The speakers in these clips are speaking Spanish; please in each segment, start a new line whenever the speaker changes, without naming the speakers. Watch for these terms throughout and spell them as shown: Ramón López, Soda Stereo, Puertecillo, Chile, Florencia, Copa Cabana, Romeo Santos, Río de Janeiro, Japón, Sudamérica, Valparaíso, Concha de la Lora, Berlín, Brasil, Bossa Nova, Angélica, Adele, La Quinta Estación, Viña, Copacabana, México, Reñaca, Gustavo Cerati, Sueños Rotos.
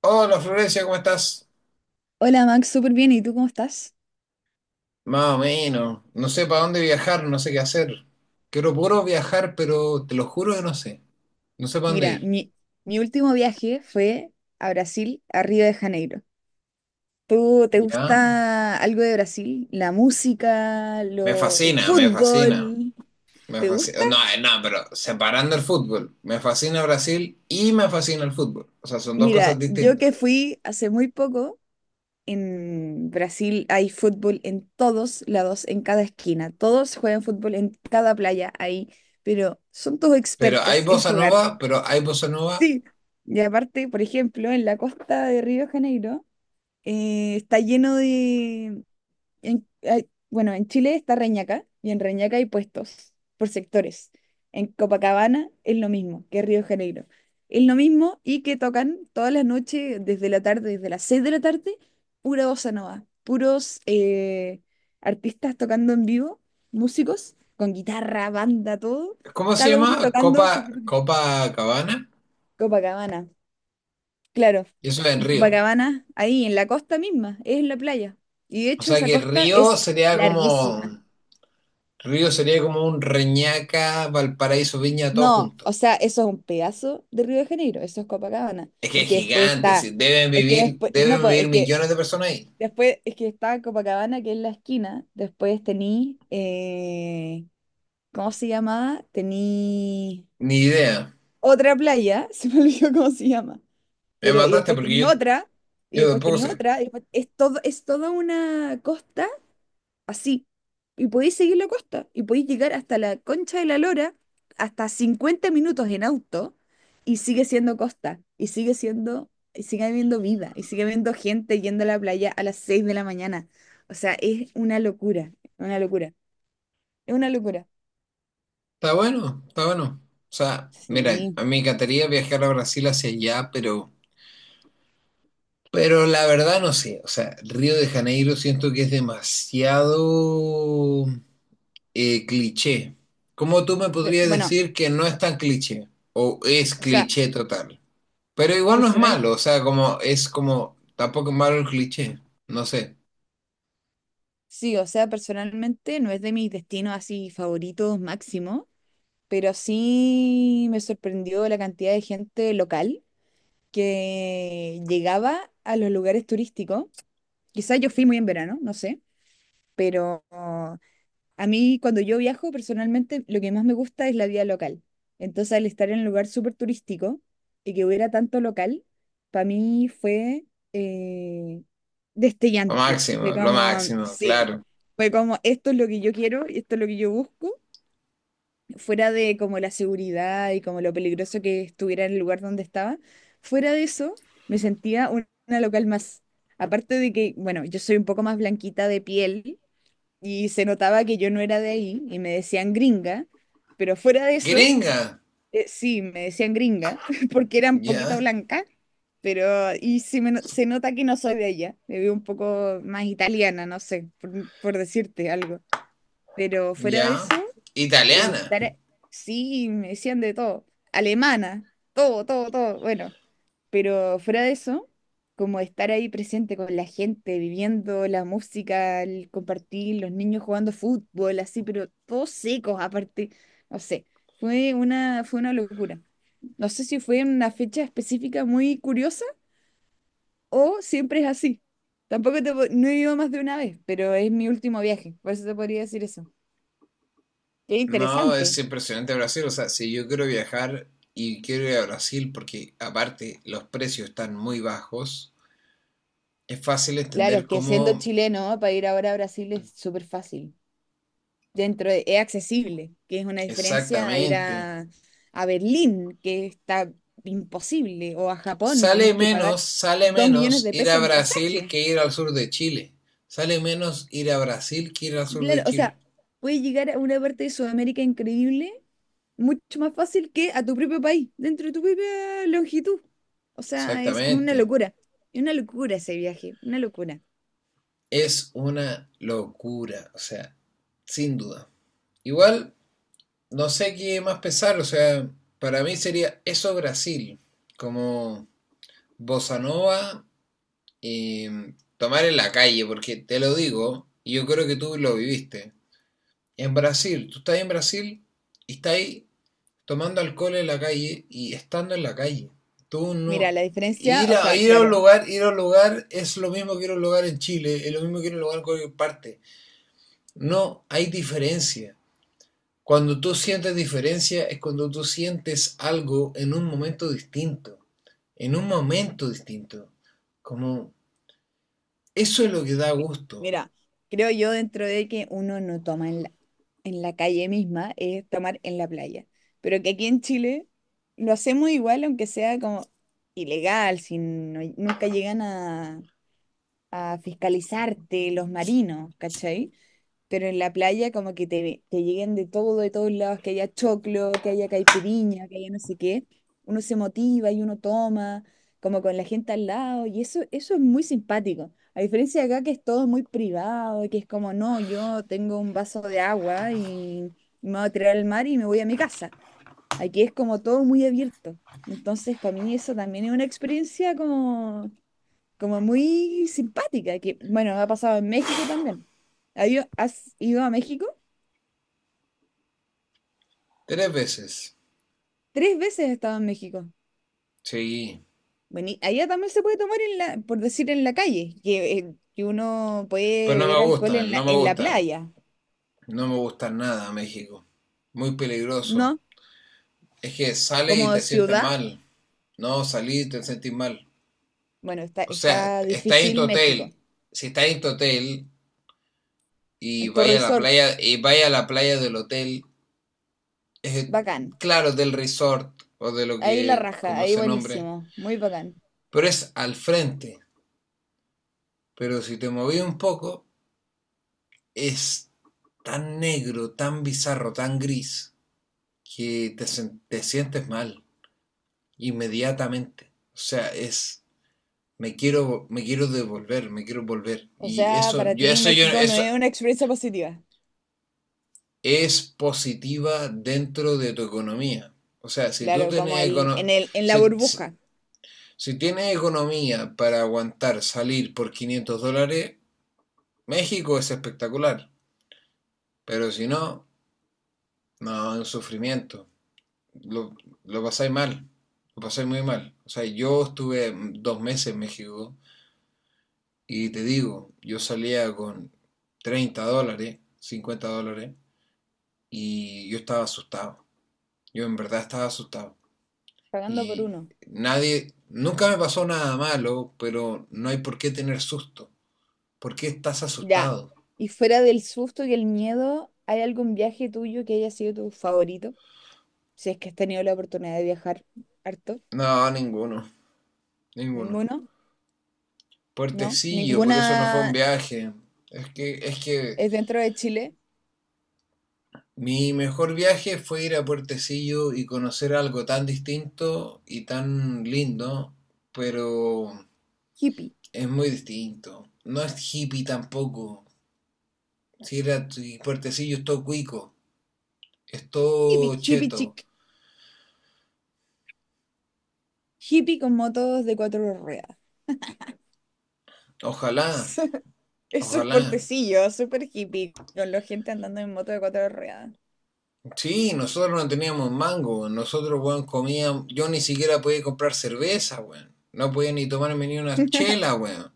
Hola Florencia, ¿cómo estás?
Hola Max, súper bien. ¿Y tú cómo estás?
Más o menos. No sé para dónde viajar, no sé qué hacer. Quiero puro viajar, pero te lo juro que no sé. No sé para dónde
Mira,
ir.
mi último viaje fue a Brasil, a Río de Janeiro. ¿Tú te
¿Ya?
gusta algo de Brasil? ¿La música,
Me
el
fascina, me fascina.
fútbol?
Me
¿Te gusta?
fascina. No, no, pero separando el fútbol. Me fascina Brasil y me fascina el fútbol. O sea, son dos cosas
Mira, yo
distintas.
que fui hace muy poco, en Brasil hay fútbol en todos lados, en cada esquina. Todos juegan fútbol en cada playa ahí, pero son todos
Pero hay
expertos en
bossa
jugar.
nova, pero hay bossa nova.
Sí. Y aparte, por ejemplo, en la costa de Río de Janeiro, está lleno de. Bueno, en Chile está Reñaca y en Reñaca hay puestos por sectores. En Copacabana es lo mismo que Río de Janeiro. Es lo mismo y que tocan todas las noches desde la tarde, desde las 6 de la tarde, pura bossa nova, puros artistas tocando en vivo, músicos con guitarra, banda, todo,
¿Cómo se
cada uno
llama?
tocando su
Copa,
propio
Copa Cabana.
Copacabana. Claro,
Y eso es en
en
Río.
Copacabana, ahí en la costa misma, es en la playa. Y de
O
hecho
sea
esa
que
costa
Río
es
sería como.
larguísima.
Río sería como un Reñaca, Valparaíso, Viña, todo
No, o
junto.
sea, eso es un pedazo de Río de Janeiro, eso es Copacabana,
Es que es
porque después
gigante, sí,
está,
deben
es que
vivir,
después, no,
deben
po,
vivir
es que
millones de personas ahí.
después, es que está Copacabana, que es la esquina, después tení, ¿cómo se llamaba? Tení
Ni idea.
otra playa, se me olvidó cómo se llama,
Me
pero y
mataste
después
porque
tení
yo,
otra, y
yo
después
tampoco
tení
sé.
otra, y después es todo, es toda una costa así. Y podéis seguir la costa y podéis llegar hasta la Concha de la Lora, hasta 50 minutos en auto, y sigue siendo costa, y sigue habiendo vida, y sigue habiendo gente yendo a la playa a las 6 de la mañana. O sea, es una locura, es una locura.
Está bueno, está bueno. O sea, mira,
Sí.
a mí me encantaría viajar a Brasil hacia allá, pero la verdad no sé. O sea, Río de Janeiro siento que es demasiado cliché. ¿Cómo tú me podrías
Bueno,
decir que no es tan cliché? ¿O es
o sea,
cliché total? Pero igual no es
personal,
malo, o sea, como es como, tampoco es malo el cliché, no sé,
sí, o sea, personalmente no es de mis destinos así favoritos máximo, pero sí me sorprendió la cantidad de gente local que llegaba a los lugares turísticos. Quizás yo fui muy en verano, no sé, pero a mí cuando yo viajo personalmente lo que más me gusta es la vida local. Entonces al estar en un lugar súper turístico y que hubiera tanto local, para mí fue eh, destellante. Fue
lo
como,
máximo,
sí,
claro.
fue como, esto es lo que yo quiero y esto es lo que yo busco fuera de como la seguridad y como lo peligroso que estuviera en el lugar donde estaba, fuera de eso me sentía una local más. Aparte de que, bueno, yo soy un poco más blanquita de piel y se notaba que yo no era de ahí y me decían gringa, pero fuera de eso,
Gringa,
sí, me decían gringa porque era un poquito
ya,
blanca, pero y sí me no- se nota que no soy de allá, me veo un poco más italiana, no sé, por decirte algo. Pero fuera
ya,
de eso. El
italiana.
estar, sí, me decían de todo, alemana, todo, todo, todo, bueno, pero fuera de eso, como estar ahí presente con la gente, viviendo la música, el compartir, los niños jugando fútbol, así, pero todos secos aparte, no sé, fue una locura. No sé si fue en una fecha específica muy curiosa o siempre es así. Tampoco no he ido más de una vez, pero es mi último viaje, por eso te podría decir eso. Qué
No, es
interesante.
impresionante Brasil, o sea, si yo quiero viajar y quiero ir a Brasil porque aparte los precios están muy bajos, es fácil
Claro,
entender
es que siendo
cómo
chileno, para ir ahora a Brasil es súper fácil. Es accesible, que es una diferencia a ir
exactamente.
a Berlín, que está imposible, o a Japón, tenéis
Sale
que pagar
menos, sale
2 millones
menos
de
ir
pesos
a
en
Brasil
pasaje.
que ir al sur de Chile. Sale menos ir a Brasil que ir al sur
Claro,
de
o
Chile.
sea, puedes llegar a una parte de Sudamérica increíble mucho más fácil que a tu propio país, dentro de tu propia longitud. O sea, es una
Exactamente.
locura. Es una locura ese viaje, una locura.
Es una locura, o sea, sin duda. Igual, no sé qué más pesar, o sea, para mí sería eso Brasil, como bossa nova, tomar en la calle, porque te lo digo, y yo creo que tú lo viviste. En Brasil, tú estás en Brasil y estás ahí tomando alcohol en la calle y estando en la calle. Tú
Mira,
no
la diferencia,
ir
o
a
sea,
ir a un
claro,
lugar, ir a un lugar es lo mismo que ir a un lugar en Chile, es lo mismo que ir a un lugar en cualquier parte. No hay diferencia. Cuando tú sientes diferencia es cuando tú sientes algo en un momento distinto, en un momento distinto. Como eso es lo que da gusto.
Mira, creo yo dentro de que uno no toma en la calle misma, es tomar en la playa. Pero que aquí en Chile lo hacemos igual, aunque sea como ilegal, nunca llegan a fiscalizarte los marinos, ¿cachai? Pero en la playa como que te lleguen de todo, de todos lados, que haya choclo, que haya caipiriña, que haya no sé qué, uno se motiva y uno toma, como con la gente al lado, y eso es muy simpático. A diferencia de acá que es todo muy privado, que es como, no, yo tengo un vaso de agua y me voy a tirar al mar y me voy a mi casa. Aquí es como todo muy abierto. Entonces, para mí eso también es una experiencia como muy simpática, que bueno, ha pasado en México también. ¿Has ido a México?
Tres veces.
Tres veces he estado en México.
Sí.
Bueno, y allá también se puede tomar en la, por decir, en la calle, que uno puede
Pero no me
beber alcohol
gusta,
en la,
no me
en la
gusta.
playa,
No me gusta nada México. Muy peligroso.
¿no?
Es que sales y
Como
te sientes
ciudad,
mal. No, salí y te sentís mal.
bueno, está,
O sea,
está
está en tu
difícil
hotel.
México.
Si está en tu hotel y
El tu
vaya a la
resort,
playa, y vaya a la playa del hotel, es,
bacán.
claro, del resort o de lo
Ahí la
que,
raja,
como
ahí
se nombre,
buenísimo, muy bacán.
pero es al frente. Pero si te moví un poco, es tan negro, tan bizarro, tan gris, que te sientes mal inmediatamente. O sea, es me quiero devolver, me quiero volver.
O
Y
sea,
eso,
para
yo,
ti
eso, yo,
México no
eso
es una experiencia positiva.
es positiva dentro de tu economía. O sea, si tú
Claro,
tienes,
como el, en
econo
el, en la
si, si,
burbuja,
si tienes economía para aguantar salir por $500, México es espectacular. Pero si no, no, es un sufrimiento. Lo, lo pasáis mal, lo pasáis muy mal. O sea, yo estuve 2 meses en México y te digo, yo salía con $30, $50, y yo estaba asustado. Yo en verdad estaba asustado.
pagando por
Y
uno.
nadie, nunca me pasó nada malo, pero no hay por qué tener susto. ¿Por qué estás
Ya.
asustado?
Y fuera del susto y el miedo, ¿hay algún viaje tuyo que haya sido tu favorito? Si es que has tenido la oportunidad de viajar harto.
No, ninguno, ninguno.
¿Ninguno? ¿No?
Puertecillo, por eso no fue un
¿Ninguna
viaje. Es que
es dentro de Chile?
mi mejor viaje fue ir a Puertecillo y conocer algo tan distinto y tan lindo, pero
Hippie.
es muy distinto. No es hippie tampoco. Si Puertecillo es todo cuico. Es
Hippie.
todo
Hippie
cheto.
chic. Hippie con motos de cuatro ruedas.
Ojalá,
Eso es
ojalá.
portecillo, súper hippie, con la gente andando en moto de cuatro ruedas.
Sí, nosotros no teníamos mango, nosotros, weón, comíamos, yo ni siquiera podía comprar cerveza, weón. No podía ni tomarme ni una chela, weón.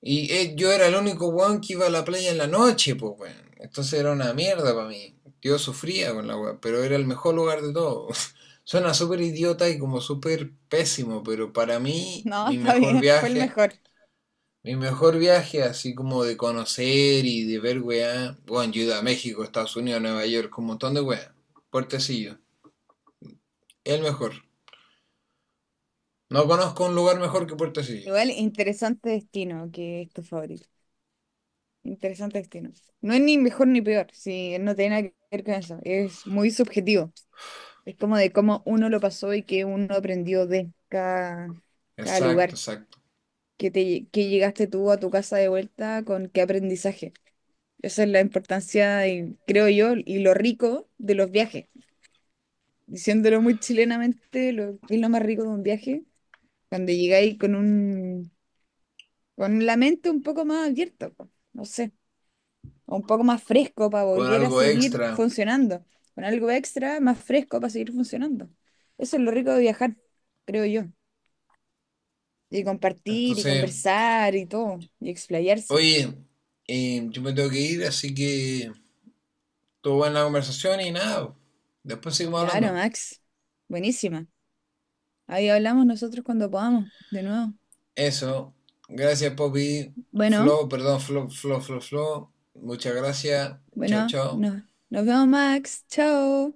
Y yo era el único weón que iba a la playa en la noche, pues, weón. Entonces era una mierda para mí. Yo sufría con la weón, pero era el mejor lugar de todo. Suena súper idiota y como súper pésimo, pero para mí,
No, está bien, fue el mejor.
Mi mejor viaje, así como de conocer y de ver weá. Bueno, yo he ido a México, Estados Unidos, Nueva York, un montón de weá. Puertecillo, el mejor. No conozco un lugar mejor que Puertecillo.
Igual, interesante destino que es tu favorito. Interesante destino. No es ni mejor ni peor, si no tiene nada que ver con eso. Es muy subjetivo. Es como de cómo uno lo pasó y qué uno aprendió de cada
Exacto,
lugar.
exacto.
Que llegaste tú a tu casa de vuelta con qué aprendizaje. Esa es la importancia, y, creo yo, y lo rico de los viajes. Diciéndolo muy chilenamente, ¿qué es lo más rico de un viaje? Cuando llegáis con la mente un poco más abierta, po. No sé. Un poco más fresco para
Con
volver a
algo
seguir
extra.
funcionando, con algo extra más fresco para seguir funcionando. Eso es lo rico de viajar, creo yo, y compartir y
Entonces,
conversar y todo, y explayarse.
oye, yo me tengo que ir, así que estuvo buena la conversación y nada. Después seguimos
Claro,
hablando.
Max, buenísima. Ahí hablamos nosotros cuando podamos, de nuevo.
Eso. Gracias, Poppy.
Bueno,
Flo, perdón, Flo, Flo, Flo, Flo. Muchas gracias. Chao,
bueno,
chao.
no, nos vemos, Max, chao.